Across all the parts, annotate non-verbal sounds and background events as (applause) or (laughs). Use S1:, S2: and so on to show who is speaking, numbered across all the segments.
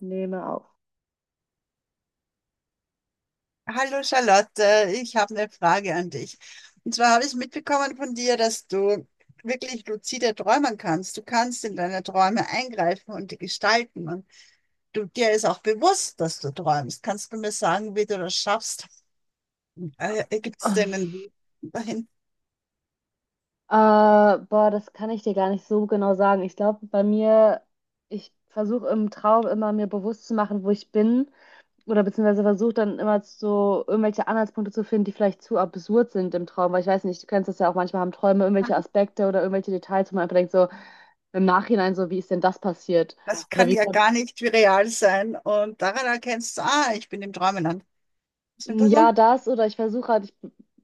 S1: Nehme auf.
S2: Hallo Charlotte, ich habe eine Frage an dich. Und zwar habe ich mitbekommen von dir, dass du wirklich luzide träumen kannst. Du kannst in deine Träume eingreifen und die gestalten. Und du, dir ist auch bewusst, dass du träumst. Kannst du mir sagen, wie du das schaffst? Gibt
S1: Äh,
S2: es denn einen Weg dahin?
S1: boah, das kann ich dir gar nicht so genau sagen. Ich glaube, bei mir, ich versuche im Traum immer mir bewusst zu machen, wo ich bin. Oder beziehungsweise versuche dann immer so irgendwelche Anhaltspunkte zu finden, die vielleicht zu absurd sind im Traum. Weil ich weiß nicht, du kennst das ja auch manchmal, haben Träume irgendwelche Aspekte oder irgendwelche Details, wo man einfach denkt, so im Nachhinein, so wie ist denn das passiert?
S2: Das
S1: Oder
S2: kann
S1: wie
S2: ja
S1: kommt,
S2: gar nicht wie real sein. Und daran erkennst du, ah, ich bin im Träumeland. Stimmt
S1: "Hm,
S2: das so?
S1: ja, das? Oder ich versuche halt, ich,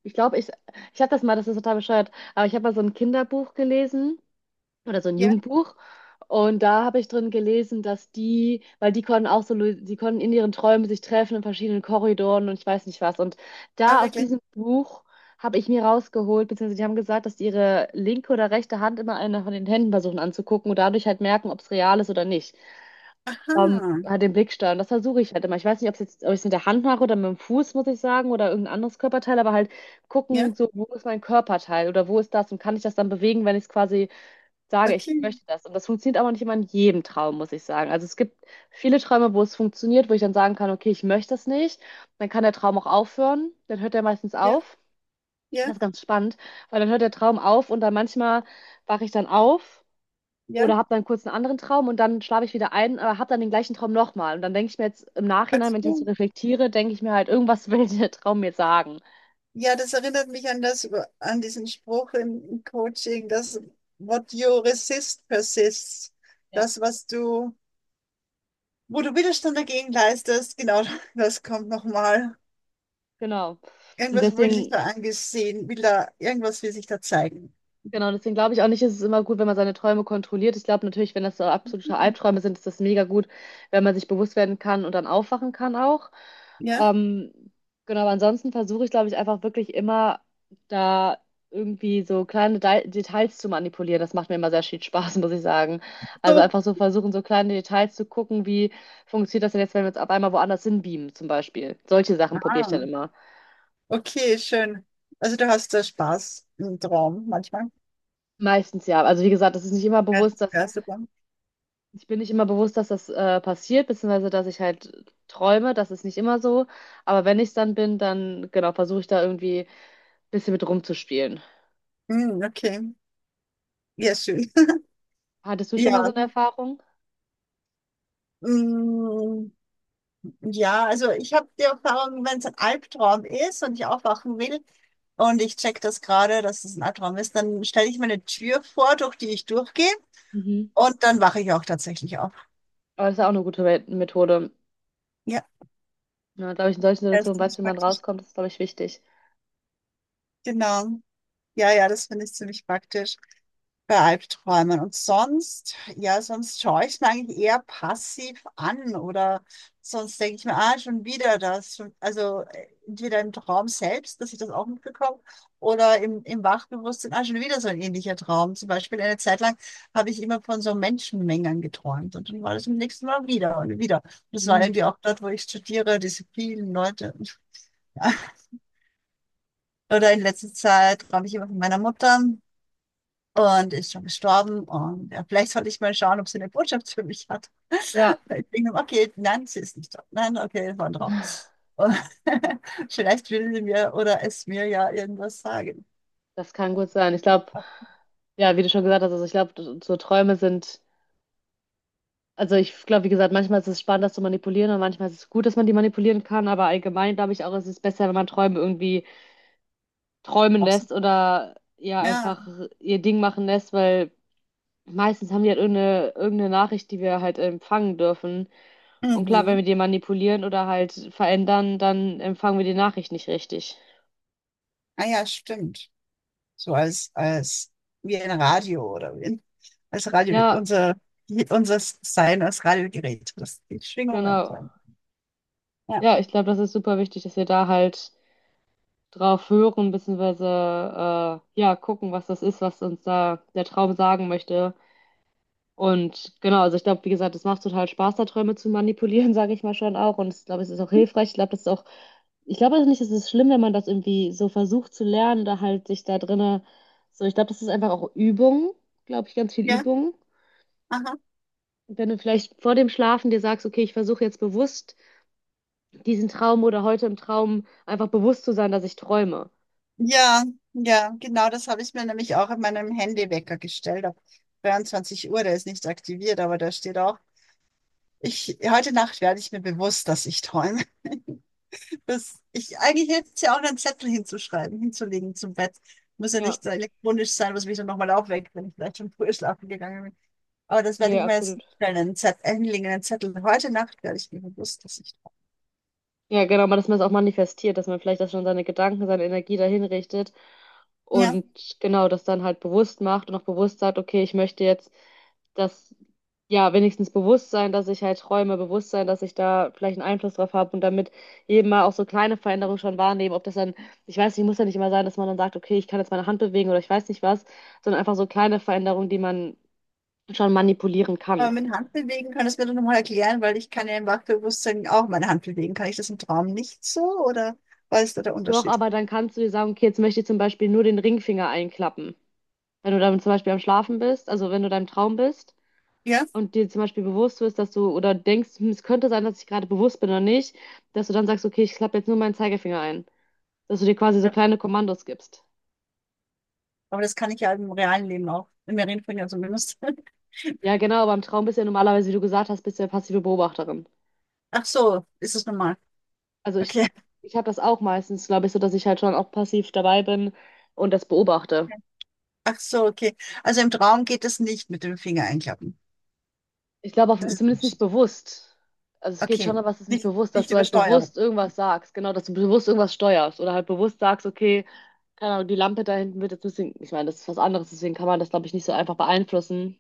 S1: ich glaube, ich, ich habe das mal, das ist total bescheuert, aber ich habe mal so ein Kinderbuch gelesen oder so ein
S2: Ja,
S1: Jugendbuch. Und da habe ich drin gelesen, dass die, weil die konnten auch so, die konnten in ihren Träumen sich treffen in verschiedenen Korridoren und ich weiß nicht was. Und
S2: ah,
S1: da aus
S2: wirklich.
S1: diesem Buch habe ich mir rausgeholt, beziehungsweise die haben gesagt, dass die ihre linke oder rechte Hand immer eine von den Händen versuchen anzugucken und dadurch halt merken, ob es real ist oder nicht.
S2: Aha,
S1: Halt den Blicksteuern. Das versuche ich halt immer. Ich weiß nicht, ob es jetzt, ob ich es mit der Hand mache oder mit dem Fuß, muss ich sagen, oder irgendein anderes Körperteil, aber halt
S2: ja,
S1: gucken, so, wo ist mein Körperteil oder wo ist das und kann ich das dann bewegen, wenn ich es quasi sage, ich
S2: okay.
S1: möchte das. Und das funktioniert aber nicht immer in jedem Traum, muss ich sagen. Also es gibt viele Träume, wo es funktioniert, wo ich dann sagen kann, okay, ich möchte das nicht. Dann kann der Traum auch aufhören. Dann hört er meistens
S2: Ja,
S1: auf.
S2: ja,
S1: Das ist ganz spannend, weil dann hört der Traum auf und dann manchmal wache ich dann auf
S2: ja.
S1: oder habe dann kurz einen anderen Traum und dann schlafe ich wieder ein, aber habe dann den gleichen Traum nochmal. Und dann denke ich mir jetzt im
S2: Ach
S1: Nachhinein, wenn ich jetzt so
S2: so.
S1: reflektiere, denke ich mir halt, irgendwas (laughs) will der Traum mir sagen.
S2: Ja, das erinnert mich an das, an diesen Spruch im Coaching, dass what you resist persists.
S1: Ja,
S2: Das, was du, Wo du Widerstand dagegen leistest, genau, (laughs) das kommt nochmal.
S1: genau. Und
S2: Irgendwas will sich
S1: deswegen
S2: da angesehen, will da, irgendwas will sich da zeigen.
S1: Genau, deswegen glaube ich auch nicht, ist es ist immer gut, wenn man seine Träume kontrolliert. Ich glaube natürlich, wenn das so absolute Albträume sind, ist das mega gut, wenn man sich bewusst werden kann und dann aufwachen kann auch.
S2: Ja,
S1: Ähm, genau, aber ansonsten versuche ich, glaube ich, einfach wirklich immer da irgendwie so kleine De Details zu manipulieren. Das macht mir immer sehr viel Spaß, (laughs) muss ich sagen. Also
S2: so.
S1: einfach so versuchen, so kleine Details zu gucken, wie funktioniert das denn jetzt, wenn wir uns auf einmal woanders hinbeamen, zum Beispiel. Solche Sachen probiere ich
S2: Ah,
S1: dann immer.
S2: okay, schön. Also du hast da Spaß im Traum manchmal.
S1: Meistens ja. Also wie gesagt, das ist nicht immer bewusst, dass
S2: Geistesgeisterbahn.
S1: ich bin nicht immer bewusst, dass das passiert, beziehungsweise dass ich halt träume. Das ist nicht immer so. Aber wenn ich es dann bin, dann genau, versuche ich da irgendwie ein bisschen mit rumzuspielen.
S2: Mm, okay, ja, schön. (laughs)
S1: Hattest du schon
S2: Ja,
S1: mal so eine Erfahrung?
S2: mm. Ja, also ich habe die Erfahrung: wenn es ein Albtraum ist und ich aufwachen will und ich check das gerade, dass es ein Albtraum ist, dann stelle ich mir eine Tür vor, durch die ich durchgehe,
S1: Mhm.
S2: und dann wache ich auch tatsächlich auf.
S1: Aber das ist ja auch eine gute Methode.
S2: Ja,
S1: Ja, glaube ich, in solchen
S2: das ist
S1: Situationen weiß,
S2: ziemlich
S1: wie man
S2: praktisch.
S1: rauskommt, das ist, glaube ich, wichtig.
S2: Genau. Ja, ja, das finde ich ziemlich praktisch. Bei Albträumen. Und sonst, ja, sonst schaue ich es mir eigentlich eher passiv an, oder sonst denke ich mir, ah, schon wieder das. Schon, also entweder im Traum selbst, dass ich das auch mitbekomme, oder im Wachbewusstsein, ah, schon wieder so ein ähnlicher Traum. Zum Beispiel eine Zeit lang habe ich immer von so Menschenmengen geträumt und dann war das im nächsten Mal wieder und wieder. Und das war
S1: Mhm.
S2: irgendwie auch dort, wo ich studiere, diese vielen Leute. (laughs) Ja. Oder in letzter Zeit träume ich immer von meiner Mutter und ist schon gestorben. Und ja, vielleicht sollte ich mal schauen, ob sie eine Botschaft für mich hat.
S1: Ja,
S2: Ich wegen dem, okay, nein, sie ist nicht da. Nein, okay, war ein Traum. Und (laughs) vielleicht will sie mir oder es mir ja irgendwas sagen.
S1: das kann gut sein. Ich glaube,
S2: Ach,
S1: ja, wie du schon gesagt hast, also ich glaube, so Träume sind, also ich glaube, wie gesagt, manchmal ist es spannend, das zu manipulieren und manchmal ist es gut, dass man die manipulieren kann, aber allgemein glaube ich auch, es ist besser, wenn man Träume irgendwie träumen
S2: auf sie.
S1: lässt oder ja
S2: Ja,
S1: einfach ihr Ding machen lässt, weil meistens haben die halt irgendeine Nachricht, die wir halt empfangen dürfen. Und klar, wenn
S2: mhm.
S1: wir die manipulieren oder halt verändern, dann empfangen wir die Nachricht nicht richtig.
S2: Ah ja, stimmt. So als, als wie ein Radio oder wie ein, als Radio,
S1: Ja,
S2: unser, unser Sein als Radiogerät, das die Schwingungen
S1: genau.
S2: sein. Ja,
S1: Ja, ich glaube, das ist super wichtig, dass wir da halt drauf hören, beziehungsweise ja, gucken, was das ist, was uns da der Traum sagen möchte. Und genau, also ich glaube, wie gesagt, es macht total Spaß, da Träume zu manipulieren, (laughs) sage ich mal schon auch. Und ich glaube, es ist auch hilfreich. Ich glaube, das ist auch, ich glaube auch nicht, es ist schlimm, wenn man das irgendwie so versucht zu lernen, da halt sich da drinne, so, ich glaube, das ist einfach auch Übung, glaube ich, ganz viel
S2: ja,
S1: Übung.
S2: aha.
S1: Wenn du vielleicht vor dem Schlafen dir sagst, okay, ich versuche jetzt bewusst diesen Traum oder heute im Traum einfach bewusst zu sein, dass ich träume.
S2: Ja, ja, genau, das habe ich mir nämlich auch in meinem Handywecker gestellt. Ab 23 Uhr, der ist nicht aktiviert, aber da steht auch, ich, heute Nacht werde ich mir bewusst, dass ich träume. (laughs) Das, ich, eigentlich hätte es ja auch einen Zettel hinzuschreiben, hinzulegen zum Bett. Muss ja
S1: Ja,
S2: nicht so elektronisch sein, was mich dann nochmal aufweckt, wenn ich vielleicht schon früher schlafen gegangen bin. Aber das werde
S1: nee,
S2: ich mir jetzt
S1: absolut.
S2: hinstellen, einen Zettel, hinlegen, einen Zettel. Heute Nacht werde ich mir bewusst, dass ich träume.
S1: Ja, genau, aber dass man es auch manifestiert, dass man vielleicht das schon seine Gedanken, seine Energie dahin richtet
S2: Ja.
S1: und genau das dann halt bewusst macht und auch bewusst sagt, okay, ich möchte jetzt das, ja, wenigstens bewusst sein, dass ich halt träume, bewusst sein, dass ich da vielleicht einen Einfluss drauf habe und damit eben mal auch so kleine Veränderungen schon wahrnehmen, ob das dann, ich weiß nicht, muss ja nicht immer sein, dass man dann sagt, okay, ich kann jetzt meine Hand bewegen oder ich weiß nicht was, sondern einfach so kleine Veränderungen, die man schon manipulieren
S2: Aber
S1: kann.
S2: mit Handbewegen könntest du mir doch nochmal erklären, weil ich kann ja im Wachbewusstsein auch meine Hand bewegen. Kann ich das im Traum nicht so, oder was ist da der
S1: Doch,
S2: Unterschied?
S1: aber dann kannst du dir sagen, okay, jetzt möchte ich zum Beispiel nur den Ringfinger einklappen. Wenn du dann zum Beispiel am Schlafen bist, also wenn du deinem Traum bist
S2: Ja?
S1: und dir zum Beispiel bewusst wirst, dass du oder denkst, hm, es könnte sein, dass ich gerade bewusst bin oder nicht, dass du dann sagst, okay, ich klappe jetzt nur meinen Zeigefinger ein. Dass du dir quasi so
S2: Ja.
S1: kleine Kommandos gibst.
S2: Aber das kann ich ja im realen Leben auch. Im Reden ja zumindest.
S1: Ja, genau, aber im Traum bist du ja normalerweise, wie du gesagt hast, bist du ja passive Beobachterin.
S2: (laughs) Ach so, ist es normal.
S1: Also ich,
S2: Okay.
S1: ich habe das auch meistens, glaube ich, so, dass ich halt schon auch passiv dabei bin und das beobachte.
S2: Ach so, okay. Also im Traum geht das nicht mit dem Finger einklappen.
S1: Ich glaube auch
S2: Das ist der
S1: zumindest nicht
S2: Unterschied.
S1: bewusst. Also es geht
S2: Okay.
S1: schon, aber es ist nicht
S2: Nicht,
S1: bewusst, dass
S2: nicht
S1: du halt
S2: Übersteuerung.
S1: bewusst irgendwas sagst. Genau, dass du bewusst irgendwas steuerst oder halt bewusst sagst, okay, keine Ahnung, die Lampe da hinten wird jetzt ein bisschen, ich meine, das ist was anderes, deswegen kann man das, glaube ich, nicht so einfach beeinflussen.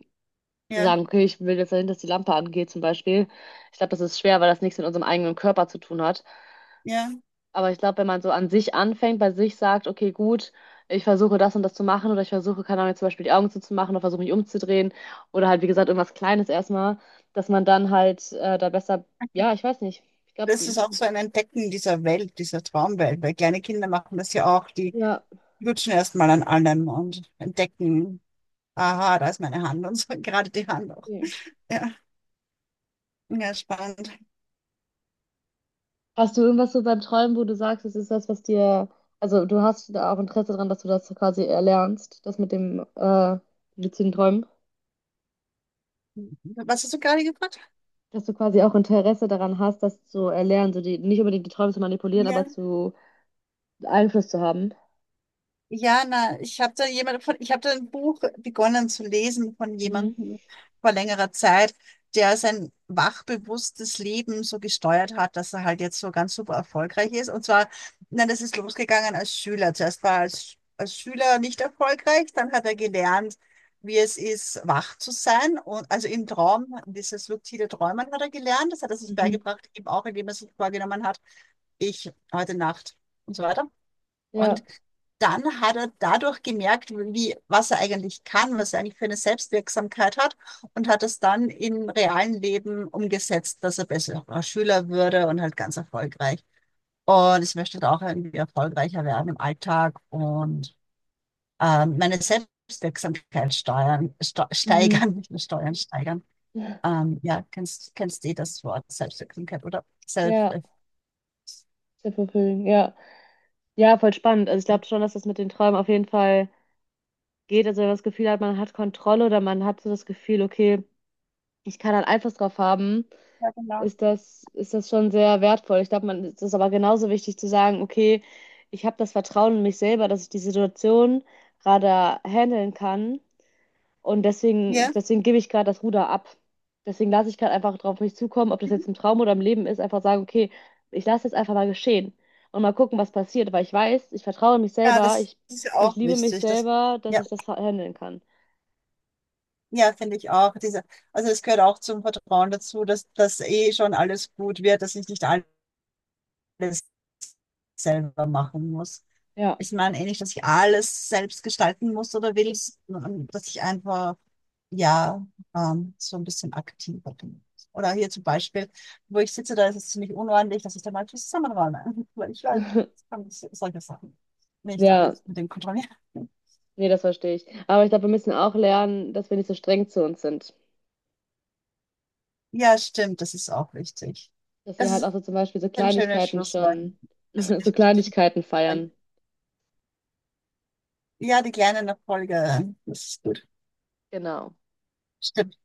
S1: Zu
S2: Ja,
S1: sagen, okay, ich will jetzt dahin, dass die Lampe angeht, zum Beispiel. Ich glaube, das ist schwer, weil das nichts mit unserem eigenen Körper zu tun hat.
S2: ja.
S1: Aber ich glaube, wenn man so an sich anfängt, bei sich sagt, okay, gut, ich versuche das und das zu machen oder ich versuche, keine Ahnung, jetzt zum Beispiel die Augen zuzumachen oder versuche mich umzudrehen oder halt, wie gesagt, irgendwas Kleines erstmal, dass man dann halt da besser, ja, ich weiß nicht. Ich glaube,
S2: Das ist auch so ein Entdecken dieser Welt, dieser Traumwelt, weil kleine Kinder machen das ja auch, die
S1: ja.
S2: lutschen erstmal an allem und entdecken. Aha, da ist meine Hand und so, (laughs) gerade die Hand auch.
S1: Okay.
S2: Ja, ja, spannend.
S1: Hast du irgendwas so beim Träumen, wo du sagst, es ist das, was dir, also du hast da auch Interesse dran, dass du das quasi erlernst, das mit dem luziden Träumen,
S2: Was hast du gerade gefragt?
S1: dass du quasi auch Interesse daran hast, das zu erlernen, so die, nicht unbedingt die Träume zu manipulieren,
S2: Ja.
S1: aber zu Einfluss zu haben.
S2: Ja, na, ich habe da jemand von, ich habe da ein Buch begonnen zu lesen von
S1: Mhm.
S2: jemandem vor längerer Zeit, der sein wachbewusstes Leben so gesteuert hat, dass er halt jetzt so ganz super erfolgreich ist. Und zwar, na, das ist losgegangen als Schüler. Zuerst war er als Schüler nicht erfolgreich, dann hat er gelernt, wie es ist, wach zu sein. Und also im Traum, dieses luzide Träumen hat er gelernt. Das hat er sich
S1: Mhm.
S2: beigebracht, eben auch, indem er sich vorgenommen hat, ich heute Nacht und so weiter.
S1: Ja.
S2: Und dann hat er dadurch gemerkt, wie, was er eigentlich kann, was er eigentlich für eine Selbstwirksamkeit hat, und hat es dann im realen Leben umgesetzt, dass er besserer Schüler würde und halt ganz erfolgreich. Und ich möchte da auch irgendwie erfolgreicher werden im Alltag und meine Selbstwirksamkeit steuern,
S1: Mhm.
S2: steigern, nicht nur steuern, steigern. Ja, kennst du eh das Wort Selbstwirksamkeit oder Self?
S1: Ja. Sehr fulfilling. Ja. Ja, voll spannend. Also ich glaube schon, dass das mit den Träumen auf jeden Fall geht. Also wenn man das Gefühl hat, man hat Kontrolle oder man hat so das Gefühl, okay, ich kann da einen Einfluss drauf haben
S2: Ja, genau.
S1: ist das schon sehr wertvoll. Ich glaube, man es ist aber genauso wichtig zu sagen, okay, ich habe das Vertrauen in mich selber, dass ich die Situation gerade handeln kann und deswegen,
S2: Ja,
S1: deswegen gebe ich gerade das Ruder ab. Deswegen lasse ich gerade einfach drauf mich zukommen, ob das jetzt
S2: mhm.
S1: im Traum oder im Leben ist, einfach sagen, okay, ich lasse jetzt einfach mal geschehen und mal gucken, was passiert, weil ich weiß, ich vertraue in mich
S2: Ja,
S1: selber,
S2: das
S1: ich,
S2: ist ja
S1: ich
S2: auch
S1: liebe mich
S2: wichtig. Das,
S1: selber, dass
S2: ja.
S1: ich das handeln kann.
S2: Ja, finde ich auch. Diese, also es gehört auch zum Vertrauen dazu, dass das eh schon alles gut wird, dass ich nicht alles selber machen muss.
S1: Ja,
S2: Ich meine eh nicht, dass ich alles selbst gestalten muss oder will, sondern dass ich einfach, ja, so ein bisschen aktiver bin. Oder hier zum Beispiel, wo ich sitze, da ist es ziemlich unordentlich, dass ich da mal zusammenräume. (laughs) Weil ich weiß,
S1: (laughs)
S2: ich kann solche Sachen nicht
S1: ja,
S2: alles mit dem kontrollieren. (laughs)
S1: nee, das verstehe ich. Aber ich glaube, wir müssen auch lernen, dass wir nicht so streng zu uns sind.
S2: Ja, stimmt, das ist auch wichtig.
S1: Dass wir
S2: Das
S1: halt
S2: ist
S1: auch so zum Beispiel so
S2: ein schönes
S1: Kleinigkeiten
S2: Schlusswort.
S1: schon, (laughs) so Kleinigkeiten feiern.
S2: Ja, die kleinen Erfolge, das ist gut.
S1: Genau.
S2: Stimmt.